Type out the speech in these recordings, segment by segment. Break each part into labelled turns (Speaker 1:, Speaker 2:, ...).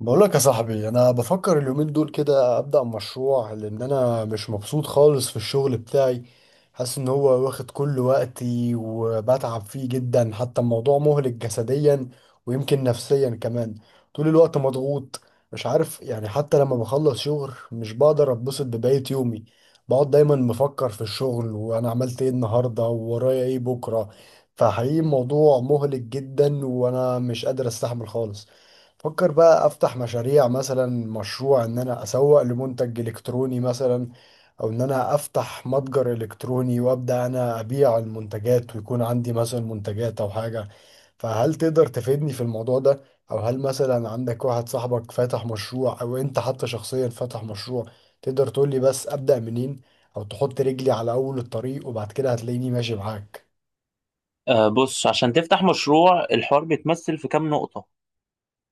Speaker 1: بقولك يا صاحبي، انا بفكر اليومين دول كده ابدا مشروع لان انا مش مبسوط خالص في الشغل بتاعي. حاسس ان هو واخد كل وقتي وبتعب فيه جدا، حتى الموضوع مهلك جسديا ويمكن نفسيا كمان. طول الوقت مضغوط. مش عارف يعني، حتى لما بخلص شغل مش بقدر اتبسط ببقية يومي. بقعد دايما مفكر في الشغل وانا عملت ايه النهارده وورايا ايه بكره. فحقيقي الموضوع مهلك جدا وانا مش قادر استحمل خالص. فكر بقى افتح مشاريع، مثلا مشروع ان انا اسوق لمنتج الكتروني مثلا، او ان انا افتح متجر الكتروني وابدا انا ابيع المنتجات، ويكون عندي مثلا منتجات او حاجة. فهل تقدر تفيدني في الموضوع ده؟ او هل مثلا عندك واحد صاحبك فاتح مشروع، او انت حتى شخصيا فاتح مشروع؟ تقدر تقولي بس ابدا منين، او تحط رجلي على اول الطريق وبعد كده هتلاقيني ماشي معاك.
Speaker 2: بص، عشان تفتح مشروع الحوار بيتمثل في كام نقطة.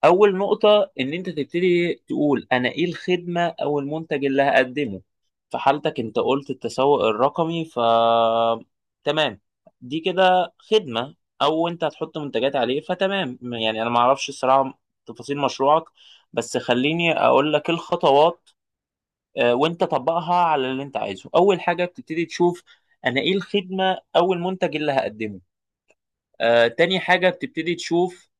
Speaker 2: أول نقطة إن أنت تبتدي تقول أنا إيه الخدمة أو المنتج اللي هقدمه. في حالتك أنت قلت التسوق الرقمي، ف تمام، دي كده خدمة أو أنت هتحط منتجات عليه، فتمام. يعني أنا معرفش الصراحة تفاصيل مشروعك، بس خليني أقول لك الخطوات. وأنت طبقها على اللي أنت عايزه. أول حاجة بتبتدي تشوف أنا إيه الخدمة أو المنتج اللي هقدمه. تاني حاجة بتبتدي تشوف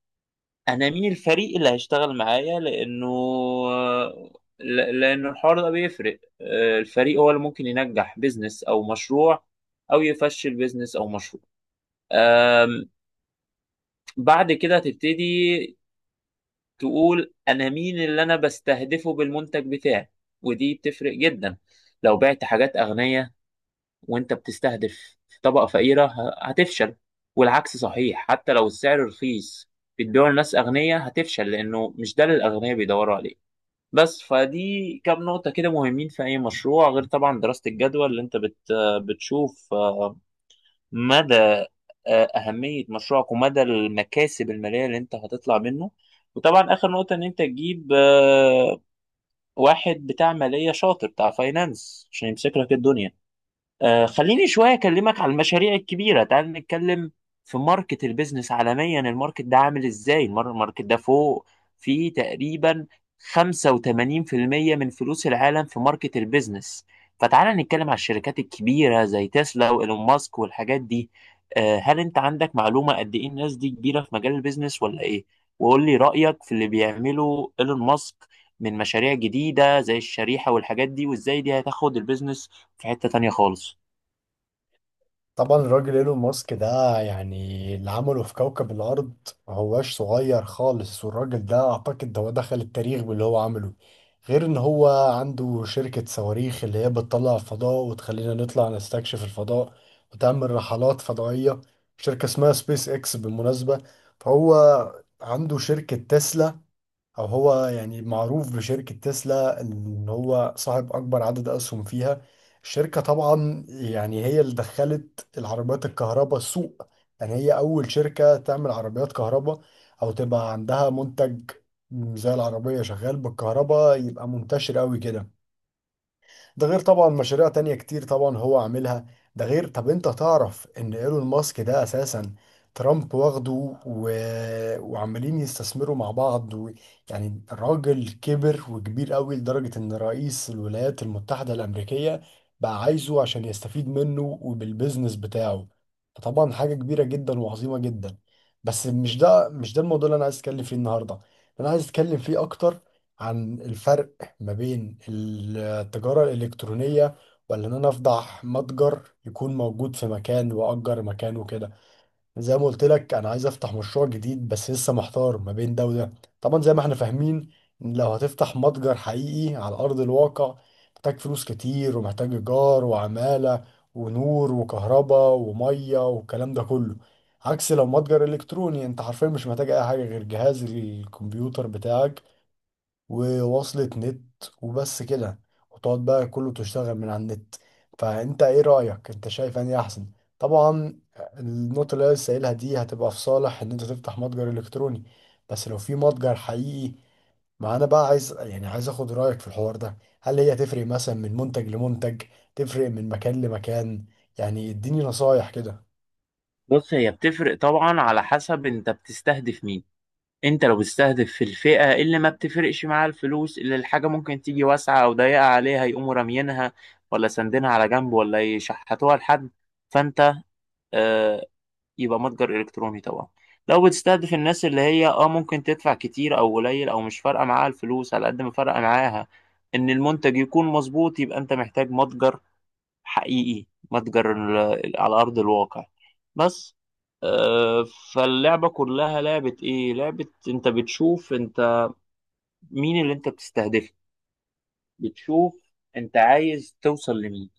Speaker 2: أنا مين الفريق اللي هيشتغل معايا، لأنه لأنه الحوار ده بيفرق. الفريق هو اللي ممكن ينجح بيزنس أو مشروع أو يفشل بيزنس أو مشروع. آم، بعد كده هتبتدي تقول أنا مين اللي أنا بستهدفه بالمنتج بتاعي. ودي بتفرق جدا. لو بعت حاجات أغنية وانت بتستهدف طبقة فقيرة هتفشل، والعكس صحيح. حتى لو السعر رخيص بتبيعه لناس أغنياء هتفشل، لأنه مش ده اللي الأغنياء بيدوروا عليه. بس فدي كام نقطة كده مهمين في أي مشروع، غير طبعا دراسة الجدوى اللي أنت بتشوف مدى أهمية مشروعك ومدى المكاسب المالية اللي أنت هتطلع منه. وطبعا آخر نقطة إن أنت تجيب واحد بتاع مالية شاطر، بتاع فاينانس، عشان يمسك لك الدنيا. آه، خليني شوية أكلمك على المشاريع الكبيرة. تعال نتكلم في ماركت البيزنس عالميا، الماركت ده عامل إزاي؟ الماركت ده فوق. في تقريبا 85% من فلوس العالم في ماركت البيزنس. فتعال نتكلم على الشركات الكبيرة زي تسلا وإيلون ماسك والحاجات دي. آه، هل أنت عندك معلومة قد إيه الناس دي كبيرة في مجال البيزنس ولا إيه؟ وقول لي رأيك في اللي بيعمله إيلون ماسك من مشاريع جديدة زي الشريحة والحاجات دي، وإزاي دي هتاخد البيزنس في حتة تانية خالص.
Speaker 1: طبعا الراجل ايلون ماسك ده، يعني اللي عمله في كوكب الارض ما هواش صغير خالص، والراجل ده اعتقد ده هو دخل التاريخ باللي هو عمله. غير ان هو عنده شركة صواريخ اللي هي بتطلع الفضاء وتخلينا نطلع نستكشف الفضاء وتعمل رحلات فضائية، شركة اسمها سبيس اكس بالمناسبة. فهو عنده شركة تسلا، او هو يعني معروف بشركة تسلا ان هو صاحب اكبر عدد اسهم فيها. الشركة طبعا يعني هي اللي دخلت العربيات الكهرباء السوق، يعني هي اول شركة تعمل عربيات كهرباء او تبقى عندها منتج زي العربية شغال بالكهرباء يبقى منتشر قوي كده. ده غير طبعا مشاريع تانية كتير طبعا هو عاملها. ده غير طب انت تعرف ان ايلون ماسك ده اساسا ترامب واخده، و... وعمالين يستثمروا مع بعض، يعني الراجل كبر وكبير قوي لدرجة ان رئيس الولايات المتحدة الامريكية بقى عايزه عشان يستفيد منه وبالبزنس بتاعه. فطبعا حاجة كبيرة جدا وعظيمة جدا. بس مش ده الموضوع اللي انا عايز اتكلم فيه النهاردة. انا عايز اتكلم فيه اكتر عن الفرق ما بين التجارة الإلكترونية، ولا إن أنا أفضح متجر يكون موجود في مكان وأجر مكان وكده. زي ما قلت لك، أنا عايز أفتح مشروع جديد بس لسه محتار ما بين ده وده. طبعا زي ما إحنا فاهمين، إن لو هتفتح متجر حقيقي على أرض الواقع، محتاج فلوس كتير ومحتاج إيجار وعمالة ونور وكهرباء ومية والكلام ده كله. عكس لو متجر إلكتروني، أنت حرفيا مش محتاج أي حاجة غير جهاز الكمبيوتر بتاعك ووصلة نت وبس كده، وتقعد بقى كله تشتغل من على النت. فانت ايه رأيك، انت شايف اني احسن؟ طبعا النقطة اللي أنا لسه قايلها دي هتبقى في صالح ان انت تفتح متجر الكتروني. بس لو في متجر حقيقي، ما انا بقى عايز، يعني عايز اخد رأيك في الحوار ده. هل هي تفرق مثلا من منتج لمنتج؟ تفرق من مكان لمكان؟ يعني اديني نصايح كده.
Speaker 2: بص، هي بتفرق طبعا على حسب انت بتستهدف مين. انت لو بتستهدف في الفئة اللي ما بتفرقش معاها الفلوس، اللي الحاجة ممكن تيجي واسعة او ضيقة عليها يقوموا راميينها ولا ساندينها على جنب ولا يشحتوها لحد، فانت آه يبقى متجر الكتروني طبعا. لو بتستهدف الناس اللي هي اه ممكن تدفع كتير او قليل او مش فارقة معاها الفلوس، على قد ما فارقة معاها ان المنتج يكون مظبوط، يبقى انت محتاج متجر حقيقي. على أرض الواقع. بس آه، فاللعبة كلها لعبة إيه؟ لعبة أنت بتشوف أنت مين اللي أنت بتستهدفه، بتشوف أنت عايز توصل لمين.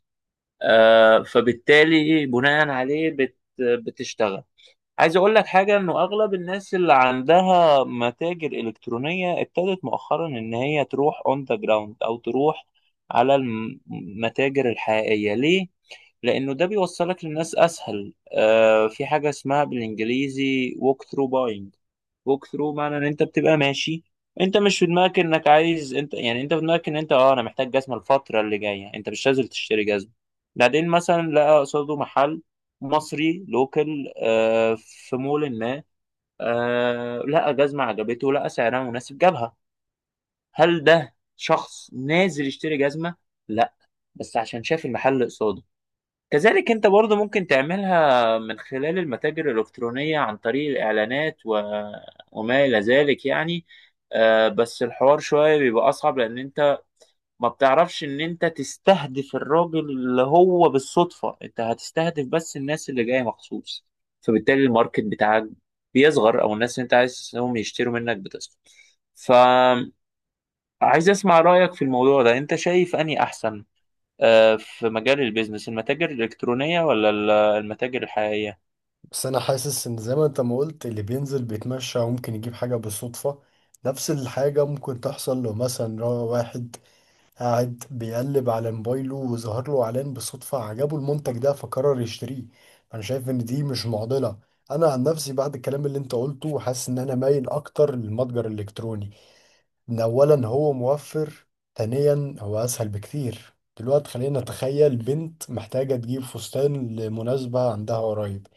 Speaker 2: فبالتالي بناء عليه بتشتغل. عايز أقول لك حاجة، إنه أغلب الناس اللي عندها متاجر إلكترونية ابتدت مؤخرا إن هي تروح أون ذا جراوند، أو تروح على المتاجر الحقيقية. ليه؟ لأنه ده بيوصلك للناس أسهل. آه، في حاجة اسمها بالإنجليزي walk through buying. walk through معنى إن أنت بتبقى ماشي، أنت مش في دماغك إنك عايز. أنت يعني أنت في دماغك إن أنت أه أنا محتاج جزمة الفترة اللي جاية، أنت مش نازل تشتري جزمة. بعدين مثلا لقى قصاده محل مصري لوكال آه في مول ما، آه لقى جزمة عجبته، لقى سعرها مناسب، جابها. هل ده شخص نازل يشتري جزمة؟ لا، بس عشان شاف المحل قصاده. كذلك انت برضو ممكن تعملها من خلال المتاجر الإلكترونية عن طريق الإعلانات وما إلى ذلك يعني. آه، بس الحوار شوية بيبقى أصعب، لأن انت ما بتعرفش إن انت تستهدف الراجل اللي هو بالصدفة، انت هتستهدف بس الناس اللي جاية مخصوص. فبالتالي الماركت بتاعك بيصغر، أو الناس اللي انت عايزهم يشتروا منك بتصغر. فعايز أسمع رأيك في الموضوع ده، انت شايف أني أحسن في مجال البيزنس المتاجر الإلكترونية ولا المتاجر الحقيقية؟
Speaker 1: بس انا حاسس ان زي ما انت ما قلت اللي بينزل بيتمشى وممكن يجيب حاجة بالصدفة، نفس الحاجة ممكن تحصل لو مثلا واحد قاعد بيقلب على موبايله وظهر له اعلان بالصدفة عجبه المنتج ده فقرر يشتريه. انا شايف ان دي مش معضلة. انا عن نفسي بعد الكلام اللي انت قلته حاسس ان انا مايل اكتر للمتجر الالكتروني. ان اولا هو موفر، ثانيا هو اسهل بكتير. دلوقتي خلينا نتخيل بنت محتاجة تجيب فستان لمناسبة عندها قريب.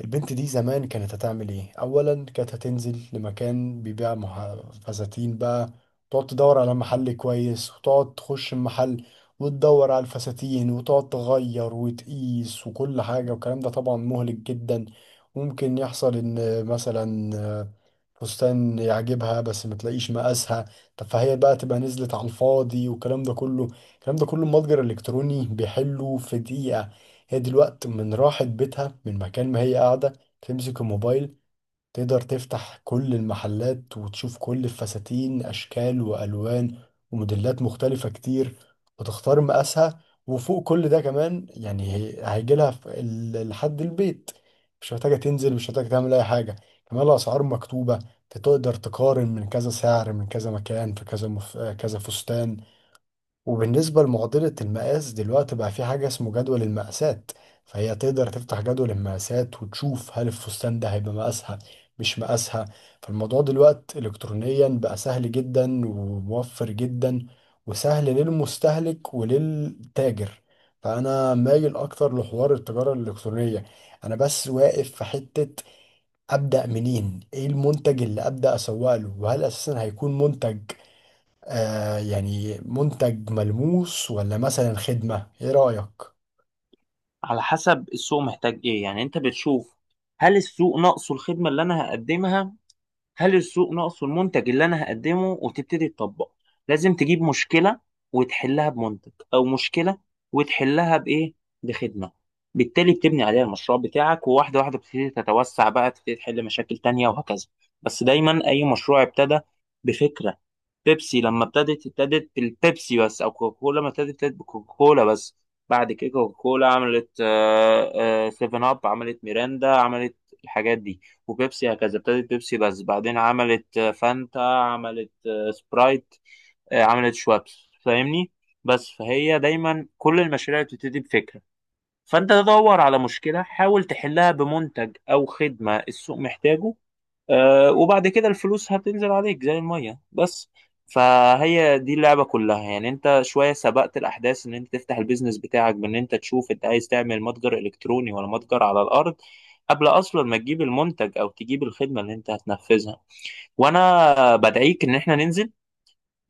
Speaker 1: البنت دي زمان كانت هتعمل ايه؟ اولا كانت هتنزل لمكان بيبيع فساتين بقى، تقعد تدور على محل كويس وتقعد تخش المحل وتدور على الفساتين وتقعد تغير وتقيس وكل حاجة، والكلام ده طبعا مهلك جدا. ممكن يحصل ان مثلا فستان يعجبها بس ما تلاقيش مقاسها، طب فهي بقى تبقى نزلت على الفاضي والكلام ده كله. المتجر الالكتروني بيحله في دقيقة. هي دلوقتي من راحت بيتها من مكان ما هي قاعدة، تمسك الموبايل تقدر تفتح كل المحلات وتشوف كل الفساتين، أشكال وألوان وموديلات مختلفة كتير، وتختار مقاسها. وفوق كل ده كمان يعني هيجي لها لحد البيت، مش محتاجة تنزل، مش محتاجة تعمل أي حاجة. كمان الأسعار مكتوبة، تقدر تقارن من كذا سعر من كذا مكان في كذا كذا فستان. وبالنسبة لمعضلة المقاس، دلوقتي بقى في حاجة اسمه جدول المقاسات، فهي تقدر تفتح جدول المقاسات وتشوف هل الفستان ده هيبقى مقاسها مش مقاسها. فالموضوع دلوقتي إلكترونيا بقى سهل جدا وموفر جدا، وسهل للمستهلك وللتاجر. فأنا مايل أكتر لحوار التجارة الإلكترونية. أنا بس واقف في حتة، أبدأ منين؟ إيه المنتج اللي أبدأ أسوق له؟ وهل أساسا هيكون منتج، يعني منتج ملموس، ولا مثلا خدمة؟ ايه رأيك؟
Speaker 2: على حسب السوق محتاج إيه. يعني أنت بتشوف هل السوق ناقصه الخدمة اللي أنا هقدمها، هل السوق ناقصه المنتج اللي أنا هقدمه، وتبتدي تطبق. لازم تجيب مشكلة وتحلها بمنتج، أو مشكلة وتحلها بإيه، بخدمة. بالتالي بتبني عليها المشروع بتاعك، وواحدة واحدة بتبتدي تتوسع بقى، تبتدي تحل مشاكل تانية وهكذا. بس دايما أي مشروع ابتدى بفكرة. بيبسي لما ابتدت ابتدت بالبيبسي بس، او كوكاكولا ما ابتدت ابتدت بكوكاكولا بس. بعد كده كوكاكولا عملت سيفن اب، عملت ميرندا، عملت الحاجات دي. وبيبسي هكذا ابتدت بيبسي بس، بعدين عملت فانتا، عملت سبرايت، عملت شوابس، فاهمني؟ بس فهي دايما كل المشاريع بتبتدي بفكرة. فانت تدور على مشكلة حاول تحلها بمنتج او خدمة السوق محتاجه. وبعد كده الفلوس هتنزل عليك زي المية بس. فهي دي اللعبة كلها. يعني انت شوية سبقت الأحداث ان انت تفتح البيزنس بتاعك بان انت تشوف انت عايز تعمل متجر إلكتروني ولا متجر على الأرض قبل أصلا ما تجيب المنتج أو تجيب الخدمة اللي انت هتنفذها. وأنا بدعيك ان احنا ننزل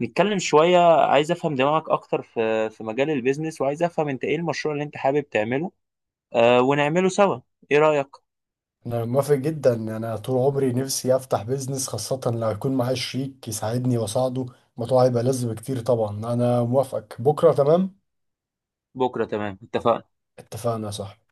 Speaker 2: نتكلم شوية. عايز أفهم دماغك أكتر في مجال البيزنس، وعايز أفهم انت ايه المشروع اللي انت حابب تعمله. ونعمله سوا. ايه رأيك؟
Speaker 1: انا موافق جدا، انا طول عمري نفسي افتح بيزنس، خاصة لو يكون معايا شريك يساعدني واساعده. الموضوع هيبقى لذ بكتير. طبعا انا موافقك، بكرة تمام.
Speaker 2: بكرة تمام، اتفقنا.
Speaker 1: اتفقنا صح.